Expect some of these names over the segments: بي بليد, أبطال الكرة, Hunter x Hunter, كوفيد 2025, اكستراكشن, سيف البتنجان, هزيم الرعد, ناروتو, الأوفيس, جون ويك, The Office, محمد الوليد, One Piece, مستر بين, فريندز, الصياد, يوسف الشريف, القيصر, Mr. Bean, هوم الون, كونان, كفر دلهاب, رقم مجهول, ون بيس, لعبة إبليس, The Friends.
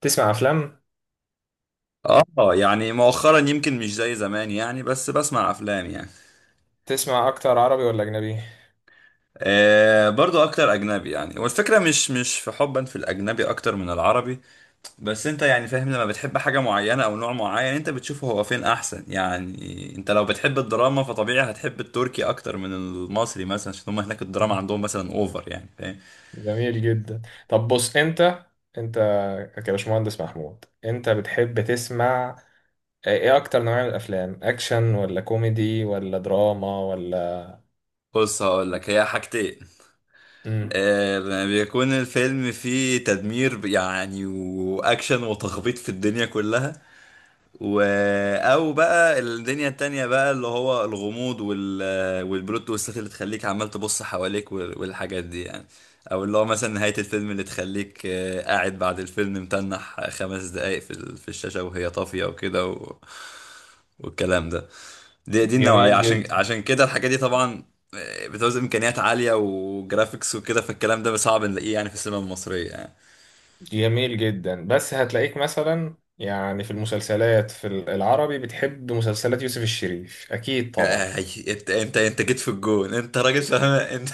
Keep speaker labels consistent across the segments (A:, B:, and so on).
A: تسمع افلام؟
B: اه، يعني مؤخرا يمكن مش زي زمان يعني، بس بسمع افلام يعني.
A: تسمع اكتر عربي ولا اجنبي؟
B: آه، برضو اكتر اجنبي يعني. والفكره مش في حبا في الاجنبي اكتر من العربي. بس انت يعني فاهم، لما بتحب حاجه معينه او نوع معين انت بتشوفه هو فين احسن، يعني انت لو بتحب الدراما فطبيعي هتحب التركي اكتر من المصري مثلا، عشان هم هناك الدراما عندهم مثلا اوفر، يعني فاهم.
A: جميل جدا. طب بص انت كباشمهندس محمود، انت بتحب تسمع ايه اكتر نوع من الافلام؟ اكشن ولا كوميدي ولا دراما ولا...
B: بص هقول لك هي حاجتين.
A: مم.
B: بيكون الفيلم فيه تدمير يعني واكشن وتخبيط في الدنيا كلها، و... او بقى الدنيا التانية بقى اللي هو الغموض والبلوت تويستات اللي تخليك عمال تبص حواليك والحاجات دي يعني، او اللي هو مثلا نهاية الفيلم اللي تخليك قاعد بعد الفيلم متنح خمس دقايق في الشاشة وهي طافية وكده والكلام ده. دي النوعية،
A: جميل
B: عشان
A: جدا.
B: عشان كده الحاجات دي طبعا بتعوز امكانيات عالية وجرافيكس وكده، فالكلام ده صعب نلاقيه يعني في السينما المصرية يعني.
A: جميل جدا، بس هتلاقيك مثلا يعني في المسلسلات، في العربي بتحب مسلسلات يوسف الشريف اكيد طبعا.
B: آه، انت جيت في الجون، انت راجل فاهم انت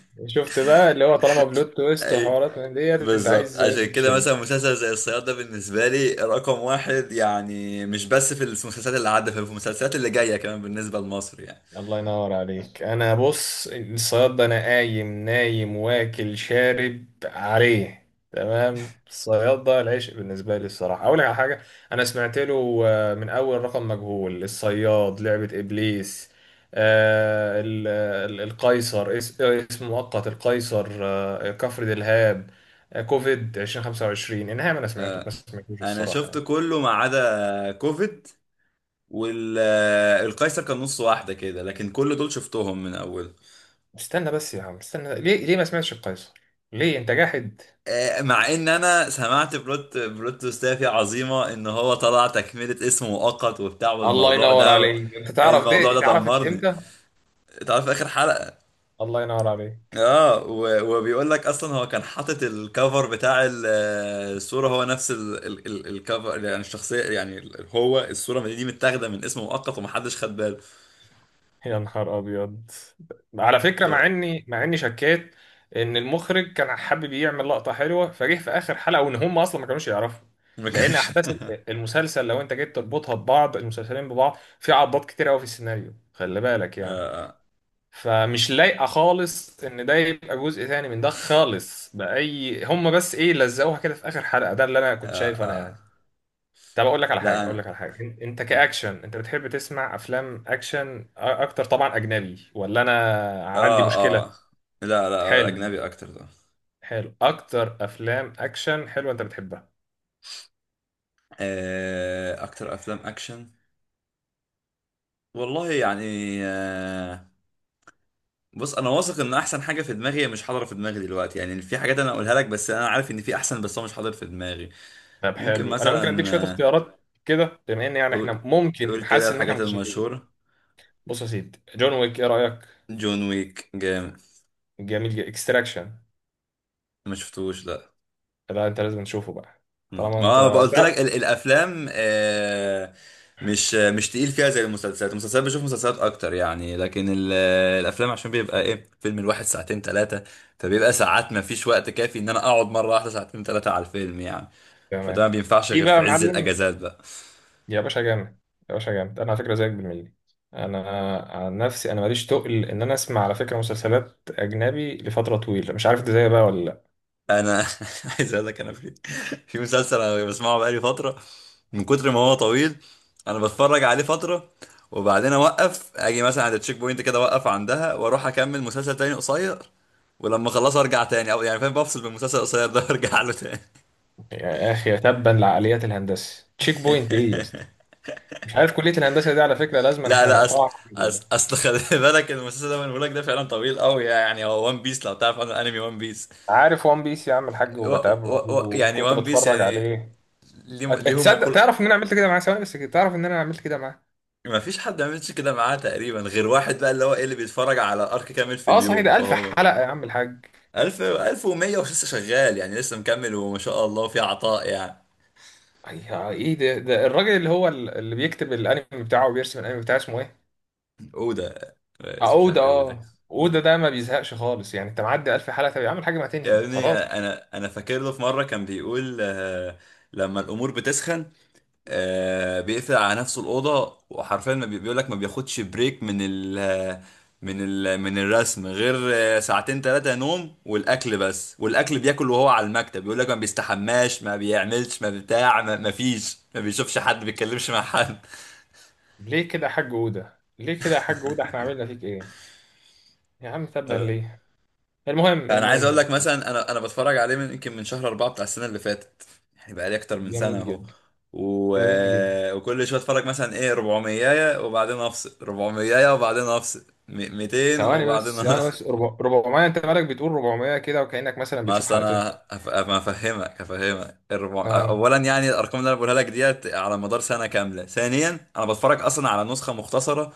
A: شفت بقى اللي هو طالما بلوت تويست
B: اي،
A: وحوارات من ديت، انت
B: بالظبط.
A: عايز يوسف
B: عشان كده مثلا
A: الشريف.
B: مسلسل زي الصياد ده بالنسبه لي رقم واحد يعني، مش بس في المسلسلات اللي عدت، في المسلسلات اللي جايه كمان بالنسبه لمصر يعني.
A: الله ينور عليك. انا بص، الصياد ده انا قايم نايم واكل شارب عليه. تمام، الصياد ده العشق بالنسبه لي الصراحه. اقول لك على حاجه، انا سمعت له من اول رقم مجهول، الصياد، لعبه ابليس، آه، ال- القيصر اسم مؤقت، القيصر، كفر دلهاب، كوفيد 2025، انها انا سمعته بس ما سمعتوش
B: انا
A: الصراحه
B: شفت
A: يعني.
B: كله ما عدا كوفيد، والقيصر كان نص واحده كده، لكن كل دول شفتهم من اول.
A: استنى بس يا عم، استنى، ليه ما سمعتش القيصر؟ ليه انت جاحد؟
B: مع ان انا سمعت بلوت تويستات عظيمه، ان هو طلع تكمله اسم مؤقت وبتاع
A: الله
B: والموضوع
A: ينور
B: ده.
A: عليك. انت تعرف
B: الموضوع
A: دي
B: ده
A: اتعرفت
B: دمرني.
A: امتى؟
B: تعرف اخر حلقه
A: الله ينور عليك.
B: وبيقول لك اصلا هو كان حاطط الكفر بتاع الصوره، هو نفس الكفر يعني الشخصيه يعني هو الصوره دي متاخده من اسم مؤقت ومحدش خد باله.
A: يا نهار ابيض. على فكره، مع
B: فما
A: اني مع اني شكيت ان المخرج كان حابب يعمل لقطه حلوه فجه في اخر حلقه، وان هم اصلا ما كانوش يعرفوا، لان
B: كانش
A: احداث
B: آه،
A: المسلسل لو انت جيت تربطها ببعض، المسلسلين ببعض، في عضات كتير قوي في السيناريو، خلي بالك يعني.
B: آه،
A: فمش لايقه خالص ان ده يبقى جزء تاني من ده خالص، باي. هم بس ايه لزقوها كده في اخر حلقه، ده اللي انا كنت
B: آه،
A: شايفه انا
B: آه.
A: يعني. طب اقول لك على حاجه،
B: لا
A: اقول لك
B: أنا.
A: على حاجه، انت كاكشن، انت بتحب تسمع افلام اكشن اكتر طبعا، اجنبي ولا انا عندي
B: آه
A: مشكله؟
B: آه لا، لا،
A: حلو.
B: أجنبي أكتر ده.
A: حلو، اكتر افلام اكشن حلوه انت بتحبها؟
B: أكتر أفلام أكشن، والله يعني. آه بص، أنا واثق إن أحسن حاجة في دماغي هي مش حاضرة في دماغي دلوقتي، يعني في حاجات أنا أقولها لك بس أنا عارف إن في أحسن، بس هو مش حاضر في دماغي.
A: طب
B: ممكن
A: حلو، انا ممكن اديك
B: مثلا
A: شويه اختيارات كده بما ان يعني احنا
B: قول قول
A: ممكن،
B: كده
A: حاسس ان احنا
B: الحاجات
A: متشابهين.
B: المشهورة.
A: بص يا سيدي، جون ويك ايه رايك؟
B: جون ويك جامد.
A: جميل جدا. اكستراكشن،
B: ما شفتوش لا.
A: ده انت لازم تشوفه بقى.
B: مم.
A: طالما انت...
B: ما قلت لك الافلام مش تقيل فيها زي المسلسلات. المسلسلات بشوف مسلسلات اكتر يعني، لكن الافلام عشان بيبقى ايه، فيلم الواحد ساعتين ثلاثة، فبيبقى ساعات ما فيش وقت كافي ان انا اقعد مرة واحدة ساعتين ثلاثة على الفيلم يعني. فده ما
A: تمام.
B: بينفعش
A: في
B: غير
A: بقى
B: في
A: يا
B: عز
A: معلم.
B: الاجازات بقى.
A: يا باشا جامد. يا باشا جامد، انا على فكره زيك بالملي. انا عن نفسي، انا ماليش تقل ان انا اسمع على فكره مسلسلات اجنبي لفتره طويله، مش عارف انت زيي بقى ولا لا.
B: انا عايز اقول لك، انا في مسلسل انا بسمعه بقالي فتره، من كتر ما هو طويل انا بتفرج عليه فتره وبعدين اوقف، اجي مثلا عند التشيك بوينت كده اوقف عندها واروح اكمل مسلسل تاني قصير، ولما اخلصه ارجع تاني او يعني فاهم، بفصل بالمسلسل القصير ده وارجع له تاني.
A: يا اخي تبا لعقليات الهندسه، تشيك بوينت ايه يا اسطى؟ مش عارف، كليه الهندسه دي على فكره لازم
B: لا،
A: احنا
B: لا، اصل
A: نقطعها.
B: اصل اصل خلي بالك المسلسل ده بقول لك ده فعلا طويل قوي يعني، هو وان بيس لو تعرف عن الانمي وان بيس.
A: عارف وان بيس يا عم الحاج،
B: و و
A: وبتابعه،
B: و يعني
A: وكنت
B: وان بيس
A: بتفرج
B: يعني،
A: عليه.
B: ليه ليهم
A: تصدق،
B: مقول.
A: تعرف ان انا عملت كده معاه؟ ثواني بس، كده تعرف ان انا عملت كده معاه.
B: ما فيش حد ما عملش كده معاه تقريبا غير واحد بقى اللي هو ايه، اللي بيتفرج على ارك كامل في
A: اه صحيح،
B: اليوم،
A: ده ألف
B: فهو
A: حلقة يا عم الحاج.
B: 1000 1100 ولسه شغال يعني، لسه مكمل وما شاء الله في عطاء يعني.
A: ايه ده الراجل اللي هو اللي بيكتب الانمي بتاعه وبيرسم الانمي بتاعه، اسمه ايه؟
B: اودا، بس مش عارف
A: عقودة.
B: ايه اودا.
A: اه، عقودة ده ما بيزهقش خالص يعني، انت معدي ألف حلقة طب يا عم الحاج، ما
B: يا
A: تنهي
B: ابني،
A: خلاص.
B: انا فاكر له في مره كان بيقول لما الامور بتسخن بيقفل على نفسه الأوضة، وحرفيا ما بيقول لك ما بياخدش بريك من الرسم غير ساعتين ثلاثة نوم، والأكل بس. والأكل بياكل وهو على المكتب، بيقول لك ما بيستحماش، ما بيعملش ما بتاع، ما فيش، ما بيشوفش حد، ما بيتكلمش مع حد.
A: ليه كده يا حاج عقودة؟ ليه كده يا حاج عقودة؟ احنا عملنا فيك ايه؟ يا عم تبا ليه. المهم،
B: انا عايز
A: المهم.
B: اقول لك مثلا، انا بتفرج عليه من يمكن من شهر اربعة بتاع السنه اللي فاتت، يعني بقى لي اكتر من سنه
A: جميل
B: اهو.
A: جدا.
B: و...
A: جميل جدا.
B: وكل شويه اتفرج مثلا ايه 400 وبعدين افصل، 400 وبعدين افصل 200
A: ثواني
B: وبعدين
A: بس، ثواني
B: افصل
A: بس، 400؟ انت مالك بتقول 400 كده وكأنك مثلا
B: ما
A: بتشوف
B: اصل
A: حلقتين؟
B: انا ما افهمك هفهمك.
A: اه
B: اولا يعني الارقام اللي انا بقولها لك ديت على مدار سنه كامله، ثانيا انا بتفرج اصلا على نسخه مختصره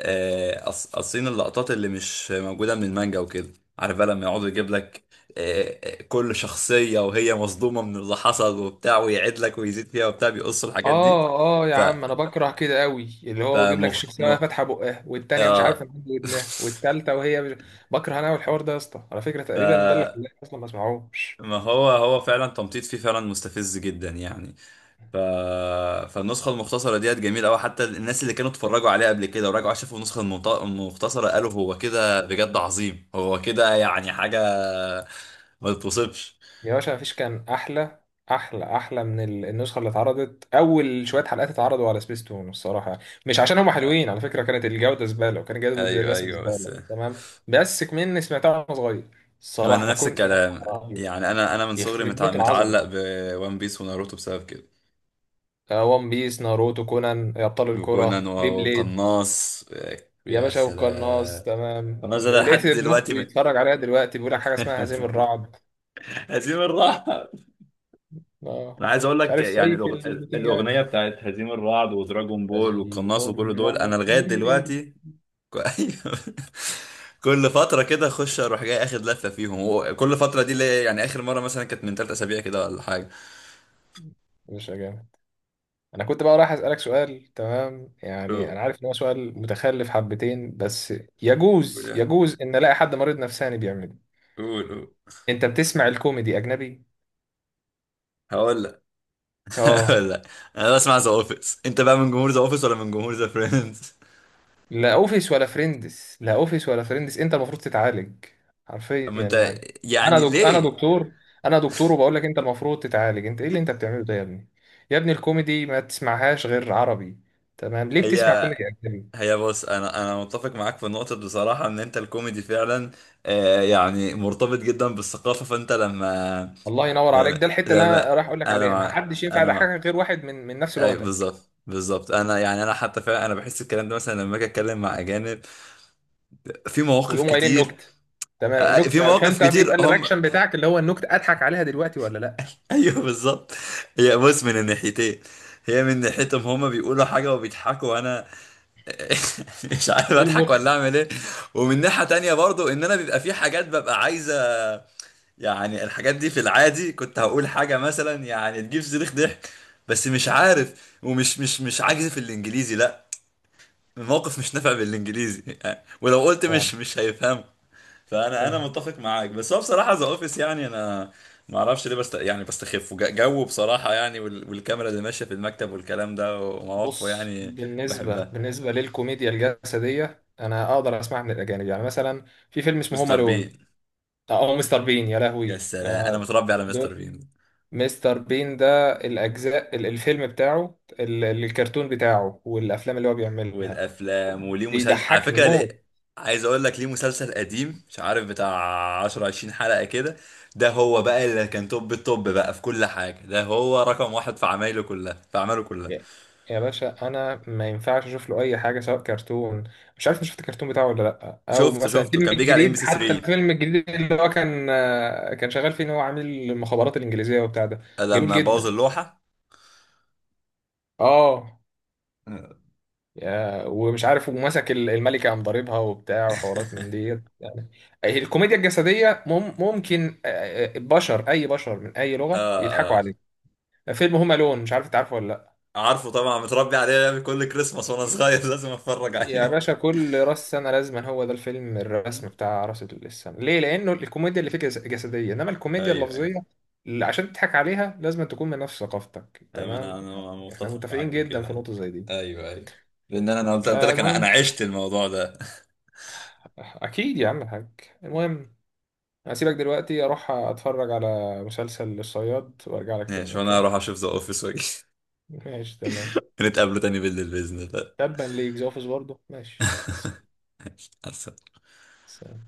B: قاصين اللقطات اللي مش موجودة من المانجا وكده. عارف بقى لما يقعد يجيب لك كل شخصية وهي مصدومة من اللي حصل وبتاع، ويعيد لك ويزيد فيها وبتاع، بيقص الحاجات دي.
A: اه. اه يا
B: ف
A: عم، انا بكره كده قوي اللي هو يجيب لك
B: فمخ
A: الشخصيه
B: م...
A: وهي فاتحه بقها، والتانيه مش عارفه
B: آه
A: مد ودنها، والتالته وهي مش... بكره انا والحوار ده يا اسطى، على فكره
B: ف
A: تقريبا ده اللي خلاني اصلا ما اسمعوش.
B: ما هو فعلا تمطيط فيه فعلا مستفز جدا يعني. ف... فالنسخة المختصرة ديت جميلة أوي، حتى الناس اللي كانوا اتفرجوا عليها قبل كده وراجعوا شافوا النسخة المختصرة قالوا هو كده بجد عظيم، هو كده يعني حاجة ما تتوصفش.
A: يا باشا مفيش كان احلى. احلى، احلى من النسخه اللي اتعرضت اول شويه حلقات، اتعرضوا على سبيس تون الصراحه. مش عشان هم حلوين، على فكره كانت الجوده زباله، وكان جوده
B: ايوه،
A: الرسم
B: ايوه، بس.
A: زباله، تمام. بس كمان سمعتها وانا صغير الصراحه،
B: انا نفس
A: فكنت يا
B: الكلام
A: نهار أبيض.
B: يعني، انا من صغري
A: يخرب بيت
B: متعلق
A: العظمه.
B: بون بيس وناروتو بسبب كده،
A: ون بيس، ناروتو، كونان، ابطال
B: وكونان
A: الكره، بي بليد.
B: وقناص.
A: يا
B: يا
A: باشا والقناص
B: سلام.
A: تمام.
B: قناص ده
A: ولقيت
B: لحد
A: ابن اختي
B: دلوقتي
A: بيتفرج عليها دلوقتي، بيقول لك حاجه اسمها هزيم الرعد.
B: هزيم الرعد.
A: اه.
B: انا عايز اقول
A: مش
B: لك
A: عارف
B: يعني
A: سيف
B: الاغنيه
A: البتنجان.
B: بتاعت هزيم الرعد ودراجون بول
A: هذه
B: والقناص وكل دول انا
A: مرة.
B: لغايه دلوقتي أيوة. كل فتره كده اخش، اروح جاي اخد لفه فيهم، وكل فتره دي اللي هي يعني اخر مره مثلا كانت من ثلاث اسابيع كده ولا
A: مش جامد؟ انا كنت بقى رايح اسالك سؤال، تمام يعني
B: حاجه.
A: انا عارف ان هو سؤال متخلف حبتين بس، يجوز ان الاقي حد مريض نفساني بيعمله.
B: قول، قول.
A: انت بتسمع الكوميدي اجنبي؟
B: هقول لك
A: اه.
B: هقول لك. انا بسمع ذا اوفيس، انت بقى من جمهور ذا اوفيس ولا من جمهور ذا فريندز؟
A: لا اوفيس ولا فريندز، لا اوفيس ولا فريندز، انت المفروض تتعالج،
B: اما
A: حرفيا
B: انت،
A: يعني.
B: يعني
A: انا
B: ليه.
A: دكتور. انا دكتور وبقول لك انت المفروض تتعالج، انت ايه اللي انت بتعمله ده يا ابني؟ يا ابني، الكوميدي ما تسمعهاش غير عربي، تمام؟ ليه
B: هي
A: بتسمع كوميدي اجنبي؟
B: هي بص، انا متفق معاك في النقطه دي بصراحه، ان انت الكوميدي فعلا يعني مرتبط جدا بالثقافه، فانت لما،
A: الله ينور عليك،
B: لما,
A: ده الحته اللي انا
B: لما
A: رايح اقول لك
B: انا
A: عليها، ما
B: مع
A: حدش ينفع
B: انا مع
A: يضحكك غير واحد من نفس
B: ايوه
A: لغتك،
B: بالظبط، بالظبط. انا يعني انا حتى فعلا، انا بحس الكلام ده مثلا لما اجي اتكلم مع اجانب في مواقف
A: ويقوم قايلين
B: كتير،
A: نكت، تمام؟
B: في
A: النكت
B: مواقف
A: فانت
B: كتير
A: بيبقى
B: هم
A: الرياكشن بتاعك اللي هو النكت، اضحك عليها دلوقتي ولا لا؟
B: ايوه، بالظبط. هي بص، من الناحيتين، هي من ناحيتهم هما بيقولوا حاجة وبيضحكوا وانا مش عارف
A: ايه
B: اضحك
A: المضحك؟
B: ولا اعمل ايه. ومن ناحية تانية برضو، ان انا بيبقى في حاجات ببقى عايزة يعني، الحاجات دي في العادي كنت هقول حاجة مثلا يعني تجيب صريخ ضحك، بس مش عارف، ومش مش مش عاجز في الانجليزي لا، الموقف مش نافع بالانجليزي ولو قلت
A: فاهم؟
B: مش هيفهمه. فانا،
A: فاهم.
B: متفق معاك، بس هو بصراحه ذا اوفيس يعني انا ما اعرفش ليه بست يعني بستخفه جو بصراحه يعني والكاميرا اللي ماشيه في المكتب والكلام ده ومواقفه
A: بص،
B: يعني.
A: بالنسبه
B: بحبها.
A: بالنسبه للكوميديا الجسديه، انا اقدر اسمعها من الاجانب، يعني مثلا في فيلم اسمه هوم
B: مستر
A: الون،
B: بين،
A: او مستر بين، يا
B: يا
A: لهوي.
B: سلام، انا متربي على مستر
A: دول،
B: بين.
A: مستر بين ده، الاجزاء الفيلم بتاعه، الكرتون بتاعه، والافلام اللي هو بيعملها،
B: والافلام، وليه مسلسل على
A: بيضحكني
B: فكره،
A: موت.
B: ليه. عايز اقول لك ليه، مسلسل قديم مش عارف بتاع 10 20 حلقه كده. ده هو بقى اللي كان توب التوب بقى في كل حاجه، ده هو رقم واحد في عمايله كلها، في اعماله كلها.
A: يا يا باشا، انا ما ينفعش اشوف له اي حاجه سواء كرتون. مش عارف إنت شفت الكرتون بتاعه ولا لا؟ او
B: شفته،
A: مثلا
B: شفته
A: الفيلم
B: كان بيجي على ام بي
A: الجديد،
B: سي
A: حتى
B: 3
A: الفيلم الجديد اللي هو كان كان شغال فيه ان هو عامل المخابرات الانجليزيه وبتاع ده، جميل
B: لما بوظ
A: جدا.
B: اللوحه
A: اه، يا. ومش عارف، ومسك الملكه قام ضاربها وبتاع، وحوارات من ديت يعني. الكوميديا الجسديه ممكن، بشر، اي بشر من اي
B: اه،
A: لغه يضحكوا
B: اه.
A: عليه. فيلم هوم الون، مش عارف انت عارفه ولا لا؟
B: عارفه طبعا، متربي عليه من كل كريسماس وانا صغير لازم اتفرج
A: يا
B: عليه.
A: باشا، كل راس سنة لازما هو ده الفيلم الرسم بتاع راس السنة. ليه؟ لأنه الكوميديا اللي فيه جسدية، إنما
B: ايوه،
A: الكوميديا
B: ايوه.
A: اللفظية اللي عشان تضحك عليها لازم تكون من نفس ثقافتك،
B: أيوة، انا
A: تمام يعني.
B: انا
A: احنا
B: متفق
A: متفقين
B: معاك في
A: جدا
B: كده
A: في
B: يعني.
A: نقطة زي دي.
B: ايوه، ايوه. لان انا، قلت لك، انا
A: المهم،
B: انا عشت الموضوع ده
A: أكيد يا عم الحاج. المهم، هسيبك دلوقتي أروح أتفرج على مسلسل الصياد وأرجع لك تاني،
B: ماشي، وانا
A: أوكي؟
B: هروح اشوف ذا اوفيس واجي
A: ماشي تمام.
B: نتقابلوا تاني بالليل باذن الله
A: تبا ليك زوفس برضه، ماشي.
B: مع السلامة.
A: بس.